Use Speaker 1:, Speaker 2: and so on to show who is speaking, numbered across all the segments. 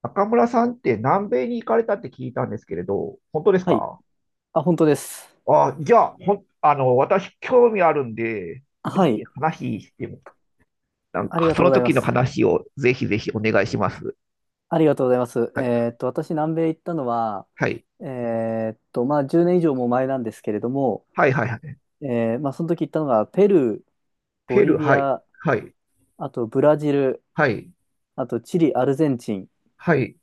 Speaker 1: 中村さんって南米に行かれたって聞いたんですけれど、本当です
Speaker 2: はい。
Speaker 1: か？
Speaker 2: あ、本当です。
Speaker 1: あ、じゃあ、ほん、あの、私興味あるんで、ぜ
Speaker 2: は
Speaker 1: ひ
Speaker 2: い。
Speaker 1: 話しても、なん
Speaker 2: あり
Speaker 1: か
Speaker 2: が
Speaker 1: そ
Speaker 2: とうご
Speaker 1: の
Speaker 2: ざいま
Speaker 1: 時の
Speaker 2: す。
Speaker 1: 話をぜひお願いします。
Speaker 2: ありがとうございます。
Speaker 1: はい、
Speaker 2: 私、南米行ったのは、
Speaker 1: はい、
Speaker 2: えまあ、10年以上も前なんですけれども、
Speaker 1: はい、はい、はい。
Speaker 2: まあ、その時行ったのが、ペルー、ボ
Speaker 1: ペル
Speaker 2: リ
Speaker 1: ー、
Speaker 2: ビ
Speaker 1: はい、
Speaker 2: ア、
Speaker 1: はい、
Speaker 2: あとブラジル、
Speaker 1: はい、
Speaker 2: あとチリ、アルゼンチン
Speaker 1: はい。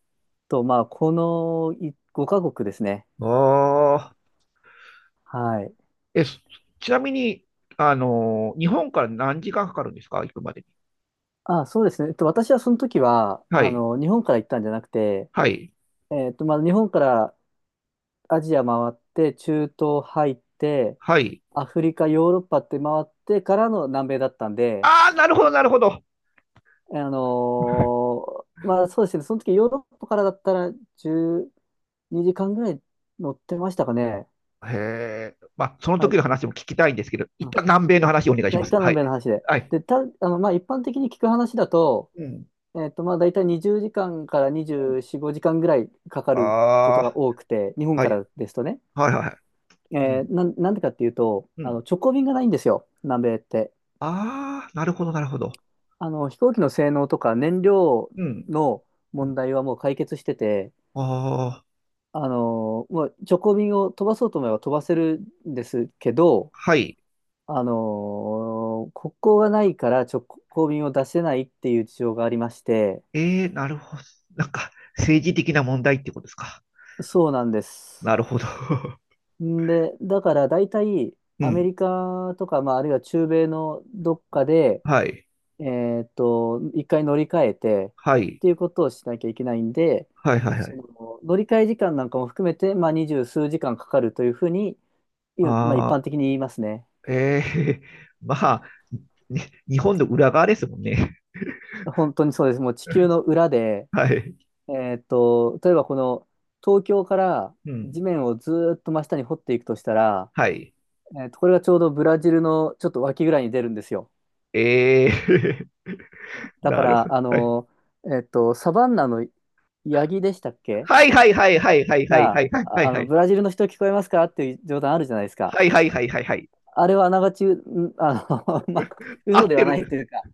Speaker 2: と、まあ、この5カ国ですね。
Speaker 1: ああ、
Speaker 2: はい。
Speaker 1: え、そちなみに、あの、日本から何時間かかるんですか、行くまでに？
Speaker 2: あ、そうですね。えっと、私はその時は、
Speaker 1: は
Speaker 2: あ
Speaker 1: い、
Speaker 2: の、日本から行ったんじゃなくて、
Speaker 1: はい、
Speaker 2: えっと、まあ、日本からアジア回って、中東入って、
Speaker 1: はい。
Speaker 2: アフリカ、ヨーロッパって回ってからの南米だったんで、
Speaker 1: ああ、なるほど、なるほど。
Speaker 2: あのまあそうですね、その時ヨーロッパからだったら12時間ぐらい乗ってましたかね。
Speaker 1: へえ。まあ、その
Speaker 2: は
Speaker 1: 時
Speaker 2: い。
Speaker 1: の話も聞きたいんですけど、
Speaker 2: う
Speaker 1: 一
Speaker 2: ん、
Speaker 1: 旦南米の話をお願いしま
Speaker 2: 大
Speaker 1: す。
Speaker 2: 体
Speaker 1: は
Speaker 2: 南
Speaker 1: い。
Speaker 2: 米の話で。
Speaker 1: はい。
Speaker 2: で、あの、まあ一般的に聞く話だと、
Speaker 1: うん。
Speaker 2: えっと、まあ大体20時間かんから
Speaker 1: うん。
Speaker 2: 24、5時間ぐらいかかること
Speaker 1: ああ、
Speaker 2: が多くて、日本
Speaker 1: は
Speaker 2: か
Speaker 1: い。
Speaker 2: らですとね。
Speaker 1: はいはいはい。うん。
Speaker 2: なんでかっていうと、
Speaker 1: う
Speaker 2: あの、
Speaker 1: ん。
Speaker 2: 直行便がないんですよ、南米って。
Speaker 1: ああ、なるほど、なるほど。
Speaker 2: あの、飛行機の性能とか燃料
Speaker 1: うん。
Speaker 2: の
Speaker 1: う
Speaker 2: 問
Speaker 1: ん。
Speaker 2: 題はもう解決してて、
Speaker 1: ああ、
Speaker 2: あの、もう直行便を飛ばそうと思えば飛ばせるんですけど、
Speaker 1: はい。
Speaker 2: あの、国交がないから直行便を出せないっていう事情がありまして、
Speaker 1: ええ、なるほど。なんか、政治的な問題ってことですか？
Speaker 2: そうなんで
Speaker 1: なる
Speaker 2: す。
Speaker 1: ほど。
Speaker 2: んで、だから大体
Speaker 1: う
Speaker 2: アメ
Speaker 1: ん。
Speaker 2: リカとか、まあ、あるいは中米のどっかで、
Speaker 1: はい。
Speaker 2: 一回乗り換えて
Speaker 1: は
Speaker 2: っ
Speaker 1: い。
Speaker 2: ていうことをしなきゃいけないんで、
Speaker 1: はいはいは
Speaker 2: そ
Speaker 1: い。
Speaker 2: の乗り換え時間なんかも含めて、まあ、二十数時間かかるというふうに、まあ、一
Speaker 1: ああ、
Speaker 2: 般的に言いますね。
Speaker 1: ええ、まあ、ね、日本の裏側ですもんね。
Speaker 2: 本当にそうです。もう地球の裏で、
Speaker 1: はい。
Speaker 2: 例えばこの東京から
Speaker 1: う
Speaker 2: 地
Speaker 1: ん。
Speaker 2: 面をずーっと真下に掘っていくとしたら、
Speaker 1: はい。
Speaker 2: これがちょうどブラジルのちょっと脇ぐらいに出るんですよ。
Speaker 1: ええ、
Speaker 2: だか
Speaker 1: なるほ
Speaker 2: ら、
Speaker 1: ど。
Speaker 2: あ
Speaker 1: はい。
Speaker 2: の、サバンナのヤギでしたっけ
Speaker 1: はいはいはいはいはいはいは
Speaker 2: が、
Speaker 1: いはいはい
Speaker 2: あ
Speaker 1: は
Speaker 2: の、
Speaker 1: い。
Speaker 2: ブラジルの人聞こえますかっていう冗談あるじゃないですか。
Speaker 1: はいはいはいはいはい。
Speaker 2: あれはあながち、あの、まあ、
Speaker 1: 合
Speaker 2: 嘘
Speaker 1: っ
Speaker 2: で
Speaker 1: て
Speaker 2: はない
Speaker 1: る。
Speaker 2: というか、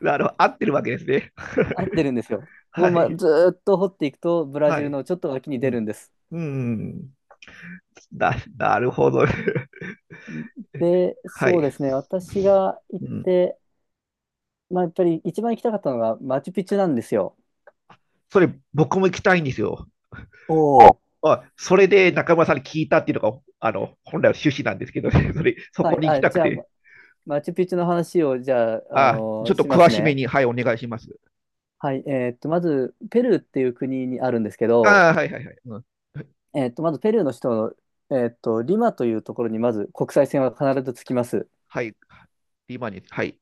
Speaker 1: なるほど。合ってるわけですね。
Speaker 2: 合ってるんですよ。ここ、
Speaker 1: は
Speaker 2: ま、
Speaker 1: い。
Speaker 2: ずーっと掘っていくと、ブラ
Speaker 1: は
Speaker 2: ジル
Speaker 1: い。
Speaker 2: のちょっと脇に
Speaker 1: う
Speaker 2: 出
Speaker 1: ん。
Speaker 2: るんです。
Speaker 1: うん。な、なるほど。
Speaker 2: で、
Speaker 1: は
Speaker 2: そう
Speaker 1: い。
Speaker 2: ですね、私が行
Speaker 1: う
Speaker 2: っ
Speaker 1: ん。
Speaker 2: て、まあ、やっぱり一番行きたかったのがマチュピチュなんですよ。
Speaker 1: それ、僕も行きたいんですよ。
Speaker 2: おお。
Speaker 1: あ、それで中村さんに聞いたっていうのが、あの、本来の趣旨なんですけどね。それ、そ
Speaker 2: は
Speaker 1: こ
Speaker 2: い、
Speaker 1: に行き
Speaker 2: あ、
Speaker 1: たく
Speaker 2: じゃあ、
Speaker 1: て。
Speaker 2: マチュピチュの話を、じゃあ、あ
Speaker 1: あ、ち
Speaker 2: の
Speaker 1: ょっと
Speaker 2: しま
Speaker 1: 詳
Speaker 2: す
Speaker 1: しめ
Speaker 2: ね。
Speaker 1: に、はい、お願いします。
Speaker 2: はい、まず、ペルーっていう国にあるんですけど、
Speaker 1: ああ、はいはいはい。うん。
Speaker 2: えっと、まずペルーの首都の、えっと、リマというところにまず国際線は必ず着きます。
Speaker 1: はい、リマニ、はい、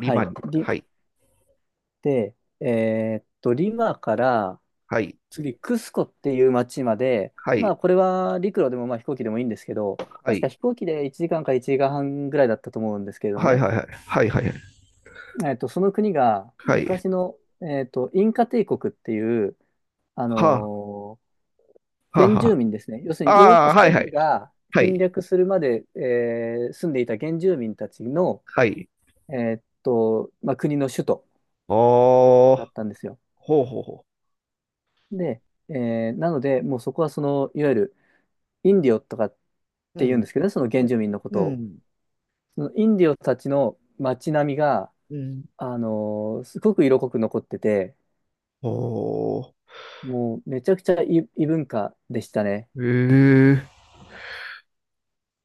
Speaker 1: リ
Speaker 2: い。
Speaker 1: マニ、
Speaker 2: リで、えっと、リマから次、クスコっていう町まで、まあ、これは陸路でもまあ飛行機でもいいんですけど、確か飛行機で1時間か1時間半ぐらいだったと思うんですけれどもね、えっと、その国が昔の、えっと、インカ帝国っていう、あのー原住民ですね。要するにヨーロッパ、ス
Speaker 1: はい
Speaker 2: ペイ
Speaker 1: は
Speaker 2: ン
Speaker 1: い、
Speaker 2: が
Speaker 1: は
Speaker 2: 侵
Speaker 1: い、
Speaker 2: 略するまで、住んでいた原住民たち
Speaker 1: はい、はいはいはいはいはいはいはあはあはあああはいはい
Speaker 2: の、
Speaker 1: はいはい。
Speaker 2: まあ、国の首都
Speaker 1: お
Speaker 2: だ
Speaker 1: ー、
Speaker 2: ったんですよ。
Speaker 1: ほうほうほ
Speaker 2: で、なので、もうそこはその、いわゆるインディオとかっ
Speaker 1: う、う
Speaker 2: て言うんで
Speaker 1: ん、
Speaker 2: すけどね、その
Speaker 1: う
Speaker 2: 原
Speaker 1: ん、
Speaker 2: 住民のこ
Speaker 1: う
Speaker 2: とを。
Speaker 1: ん、
Speaker 2: そのインディオたちの街並みが、
Speaker 1: うん、
Speaker 2: すごく色濃く残ってて、
Speaker 1: お
Speaker 2: もうめちゃくちゃ異文化でしたね。
Speaker 1: ー、えー、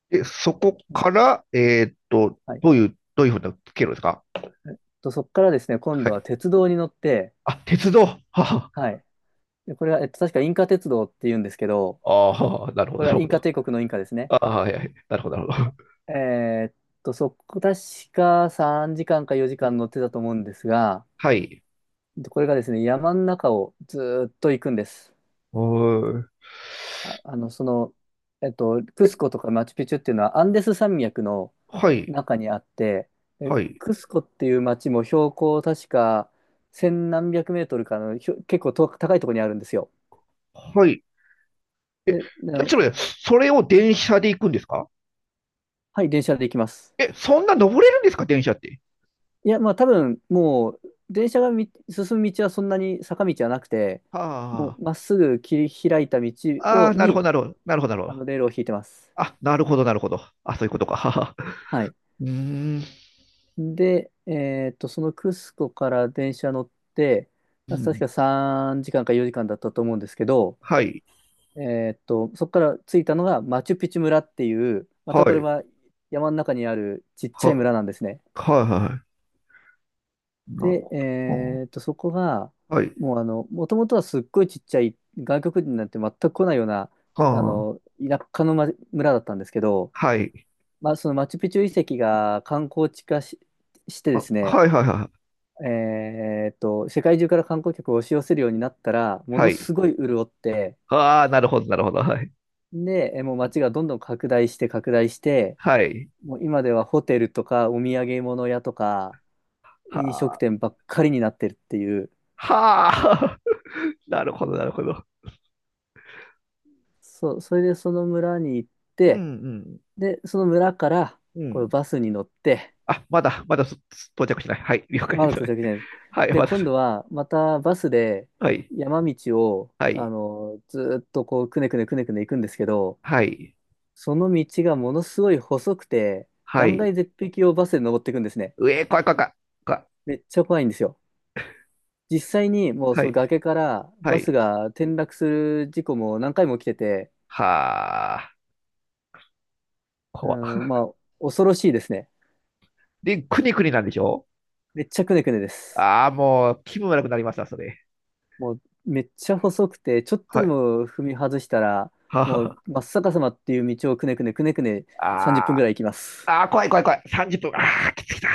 Speaker 1: で、そこ
Speaker 2: うん
Speaker 1: から、
Speaker 2: はい。
Speaker 1: どういうふうな経路ですか？
Speaker 2: えっと、そこからですね、今
Speaker 1: は
Speaker 2: 度は
Speaker 1: い。
Speaker 2: 鉄道に乗って、
Speaker 1: あ、鉄道、はあ、
Speaker 2: はい。でこれは、えっと、確かインカ鉄道って言うんですけど、
Speaker 1: ああ、なるほ
Speaker 2: こ
Speaker 1: ど、
Speaker 2: れ
Speaker 1: な
Speaker 2: は
Speaker 1: る
Speaker 2: イ
Speaker 1: ほ
Speaker 2: ン
Speaker 1: ど。
Speaker 2: カ帝国のインカですね。
Speaker 1: ああ、はい、はい、なるほど、なるほど。
Speaker 2: えーっそこ、確か3時間か4
Speaker 1: う
Speaker 2: 時間
Speaker 1: ん。
Speaker 2: 乗ってたと思うんですが、
Speaker 1: はい、
Speaker 2: でこれがですね、山の中をずーっと行くんです。
Speaker 1: おー、
Speaker 2: あ、あの、その、クスコとかマチュピチュっていうのはアンデス山脈の
Speaker 1: はい、
Speaker 2: 中にあって、
Speaker 1: はい、
Speaker 2: クスコっていう町も標高確か千何百メートルかの、結構と高いところにあるんですよ。
Speaker 1: はい。
Speaker 2: で
Speaker 1: じゃあ、ちょっと待って、それを電車で行くんですか？
Speaker 2: はい、電車で行きます。
Speaker 1: え、そんな登れるんですか、電車って？
Speaker 2: いや、まあ多分、もう、電車が進む道はそんなに坂道はなくて、も
Speaker 1: は
Speaker 2: うまっすぐ切り開いた道
Speaker 1: あ、あ
Speaker 2: を、
Speaker 1: あ、なるほど、
Speaker 2: に、
Speaker 1: なるほど、なるほど、なるほ
Speaker 2: あ
Speaker 1: ど。
Speaker 2: の、レールを引いてます。
Speaker 1: あ、なるほど、なるほど。あ、そういうことか。はは。
Speaker 2: はい。
Speaker 1: うーん、
Speaker 2: で、えっと、そのクスコから電車乗って、
Speaker 1: う
Speaker 2: 確
Speaker 1: ん。
Speaker 2: か3時間か4時間だったと思うんですけど、
Speaker 1: はい、
Speaker 2: えっと、そこから着いたのがマチュピチュ村っていう、ま
Speaker 1: は
Speaker 2: たこれ
Speaker 1: い、
Speaker 2: は山の中にあるちっちゃ
Speaker 1: は、
Speaker 2: い
Speaker 1: はい、
Speaker 2: 村なんですね。
Speaker 1: はい。なる
Speaker 2: で、
Speaker 1: ほ
Speaker 2: そこが、
Speaker 1: ど。はい、
Speaker 2: もうあの、もともとはすっごいちっちゃい、外国人なんて全く来ないような、
Speaker 1: は
Speaker 2: あ
Speaker 1: あ、
Speaker 2: の、田舎の、ま、村だったんですけど、
Speaker 1: はい、
Speaker 2: まあ、そのマチュピチュ遺跡が観光地化し、してで
Speaker 1: あ、
Speaker 2: すね、
Speaker 1: はい、はい、はい、
Speaker 2: 世界中から観光客を押し寄せるようになったら、も
Speaker 1: は
Speaker 2: の
Speaker 1: い。
Speaker 2: すごい潤って、
Speaker 1: ああ、なるほど、なるほど。はい、
Speaker 2: で、もう街がどんどん拡大して拡大して、
Speaker 1: はい。
Speaker 2: もう今ではホテルとかお土産物屋とか
Speaker 1: は
Speaker 2: 飲食
Speaker 1: あ、
Speaker 2: 店ばっかりになってるっていう、
Speaker 1: はあ、なるほど、なるほど。
Speaker 2: それでその村に行っ
Speaker 1: うん、
Speaker 2: て、
Speaker 1: うん、
Speaker 2: で、その村から
Speaker 1: う
Speaker 2: こう
Speaker 1: ん。
Speaker 2: バスに乗って、
Speaker 1: あ、まだ、まだ到着しない。はい、了解
Speaker 2: あ、
Speaker 1: で
Speaker 2: 到
Speaker 1: す。
Speaker 2: 着じゃないです。
Speaker 1: はい、
Speaker 2: で、
Speaker 1: まだ。
Speaker 2: 今度はまたバスで
Speaker 1: はい、
Speaker 2: 山道を、
Speaker 1: は
Speaker 2: あ
Speaker 1: い、
Speaker 2: の、ずーっとこう、くねくねくねくね行くんですけど、
Speaker 1: はい、
Speaker 2: その道がものすごい細くて、
Speaker 1: は
Speaker 2: 断
Speaker 1: い。
Speaker 2: 崖絶壁をバスで登っていくんですね。
Speaker 1: うえ、怖い怖い怖い、怖い。
Speaker 2: めっちゃ怖いんですよ。実際にもう
Speaker 1: は
Speaker 2: その
Speaker 1: い、
Speaker 2: 崖から
Speaker 1: は
Speaker 2: バス
Speaker 1: い。
Speaker 2: が転落する事故も何回も起きてて、
Speaker 1: はあ、
Speaker 2: う
Speaker 1: 怖い。
Speaker 2: ん、まあ、恐ろしいですね。
Speaker 1: で、くにくになんでしょ？
Speaker 2: めっちゃくねくねです。
Speaker 1: ああ、もう気分悪くなりました、それ。
Speaker 2: もうめっちゃ細くて、ちょっと
Speaker 1: は
Speaker 2: で
Speaker 1: い。
Speaker 2: も踏み外したら、も
Speaker 1: は
Speaker 2: う真っ逆さまっていう道をくねくねくねくね30分ぐ
Speaker 1: あ、
Speaker 2: らい行きま
Speaker 1: あ
Speaker 2: す。
Speaker 1: ー、あー、怖い怖い怖い。30分。ああ、きつきた。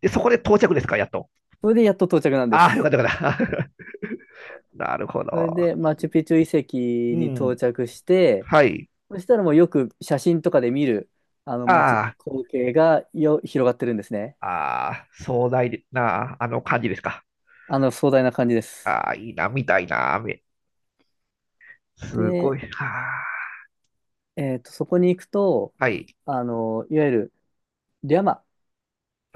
Speaker 1: で、そこで到着ですか、やっと？
Speaker 2: それでやっと到着なんで
Speaker 1: ああ、よ
Speaker 2: す。
Speaker 1: かったよかった。なるほ
Speaker 2: それ
Speaker 1: ど。
Speaker 2: でマチュピチュ遺跡
Speaker 1: う
Speaker 2: に到
Speaker 1: ん。
Speaker 2: 着して、
Speaker 1: はい。
Speaker 2: そしたらもうよく写真とかで見る、あの街、
Speaker 1: あ
Speaker 2: 光景が広がってるんですね。
Speaker 1: あ、ああ、壮大な、あの感じですか？
Speaker 2: あの壮大な感じです。
Speaker 1: ああ、いいな、みたいな雨。すご
Speaker 2: で、
Speaker 1: い。は
Speaker 2: えっと、そこに行くと、
Speaker 1: あ。はい。
Speaker 2: あの、いわゆるリャマ。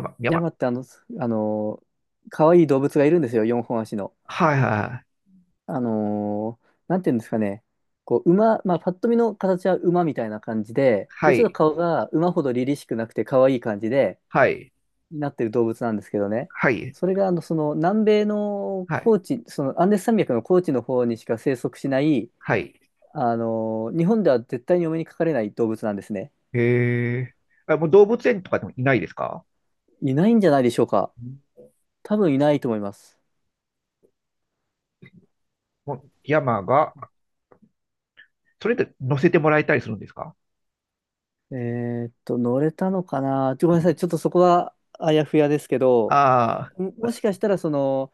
Speaker 1: 山
Speaker 2: リャ
Speaker 1: 山。
Speaker 2: マってあの、あの、可愛い動物がいるんですよ、4本足の。
Speaker 1: はいはい
Speaker 2: なんていうんですかね、こう、まあ、パッと見の形は馬みたいな感じで、
Speaker 1: は
Speaker 2: で、ちょっと
Speaker 1: い。
Speaker 2: 顔が馬ほど凛々しくなくて可愛い感じで、
Speaker 1: はい。
Speaker 2: なってる動物なんですけどね、
Speaker 1: はい。
Speaker 2: それが、あの、その、南米の
Speaker 1: はい。
Speaker 2: 高地、その、アンデス山脈の高地の方にしか生息しない、
Speaker 1: はい。
Speaker 2: 日本では絶対にお目にかかれない動物なんですね。
Speaker 1: へえ。あ、もう動物園とかでもいないですか？
Speaker 2: いないんじゃないでしょうか。
Speaker 1: うん。
Speaker 2: 多分いないと思います。
Speaker 1: もう山が、それで乗せてもらえたりするんですか？
Speaker 2: 乗れたのかな。ごめんなさい、ちょっとそこはあやふやですけど、
Speaker 1: あ
Speaker 2: もしかしたら、その、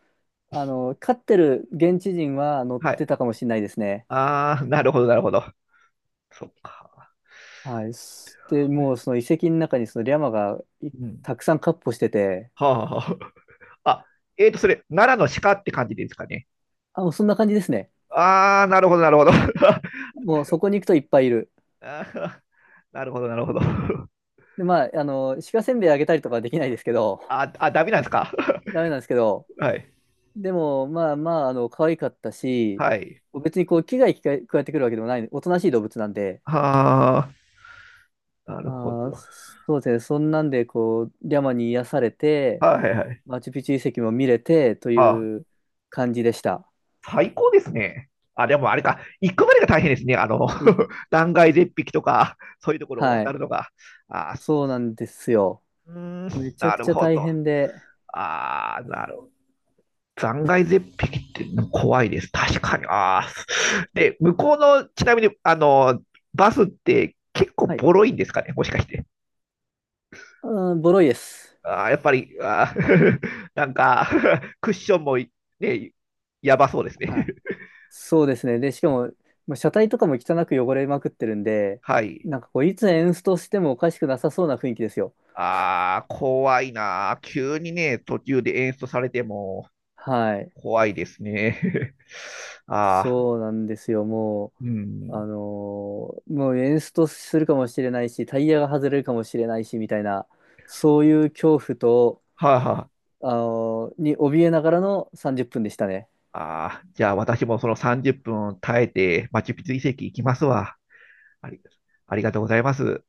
Speaker 2: あの、飼ってる現地人は乗
Speaker 1: あ
Speaker 2: っ
Speaker 1: ー、はい。
Speaker 2: てたかもしれないですね。
Speaker 1: ああ、なるほど、なるほど。そっか。
Speaker 2: はい。もうその遺跡の中にそのリャマが
Speaker 1: うん。
Speaker 2: たくさん闊歩してて、
Speaker 1: はあ。はあ、あ、えーと、それ、奈良の鹿って感じですかね？
Speaker 2: あ、もうそんな感じですね。
Speaker 1: ああ、なるほど、なるほど。
Speaker 2: もうそこに行くといっぱいいる。
Speaker 1: あー、なるほど、なるほど。
Speaker 2: で、まあ、あの、鹿せんべいあげたりとかはできないですけど、
Speaker 1: あ、あ、ダメなんですか？
Speaker 2: ダメなんですけど、
Speaker 1: はい。
Speaker 2: でも、まあまあ、あの、可愛かったし、
Speaker 1: はい。
Speaker 2: 別にこう、危害加えてくるわけでもない、おとなしい動物なんで、
Speaker 1: はあ、なるほ
Speaker 2: あー、
Speaker 1: ど。
Speaker 2: そうですね。そんなんで、こう、リャマに癒されて、
Speaker 1: はいはい。
Speaker 2: マチュピチュ遺跡も見れてと
Speaker 1: はあ、
Speaker 2: いう感じでした。
Speaker 1: 最高ですね。あ、でもあれか、行くまでが大変ですね。あの、
Speaker 2: いい
Speaker 1: 断崖絶壁とか、そういうところを
Speaker 2: は
Speaker 1: 渡
Speaker 2: い。
Speaker 1: るのが。あ、
Speaker 2: そうなんですよ。
Speaker 1: うー
Speaker 2: め
Speaker 1: ん、
Speaker 2: ちゃ
Speaker 1: な
Speaker 2: く
Speaker 1: る
Speaker 2: ちゃ
Speaker 1: ほ
Speaker 2: 大
Speaker 1: ど。
Speaker 2: 変で、
Speaker 1: ああ、なるほど。断崖絶壁って怖いです。確かに。ああ。で、向こうの、ちなみに、あの、バスって結構
Speaker 2: はい。
Speaker 1: ボロいんですかね、もしかして？
Speaker 2: うん、ボロいです。
Speaker 1: あーやっぱり、あー、 なんか クッションもい、ね、やばそうですね。
Speaker 2: あ、そうですね。で、しかも、まあ車体とかも汚く汚れまくってるんで、
Speaker 1: はい。
Speaker 2: なんかこう、いつエンストしてもおかしくなさそうな雰囲気ですよ。
Speaker 1: ああ、怖いなー。急にね、途中で演出されても
Speaker 2: はい。
Speaker 1: 怖いですね。ああ、
Speaker 2: そうなんですよ。も
Speaker 1: う
Speaker 2: う、
Speaker 1: ん。
Speaker 2: もうエンストするかもしれないし、タイヤが外れるかもしれないし、みたいな、そういう恐怖と、
Speaker 1: はあ、は
Speaker 2: あの、に怯えながらの30分でしたね。
Speaker 1: あ、あー、じゃあ私もその30分耐えて、マチュピチュ遺跡行きますわ。あり、ありがとうございます。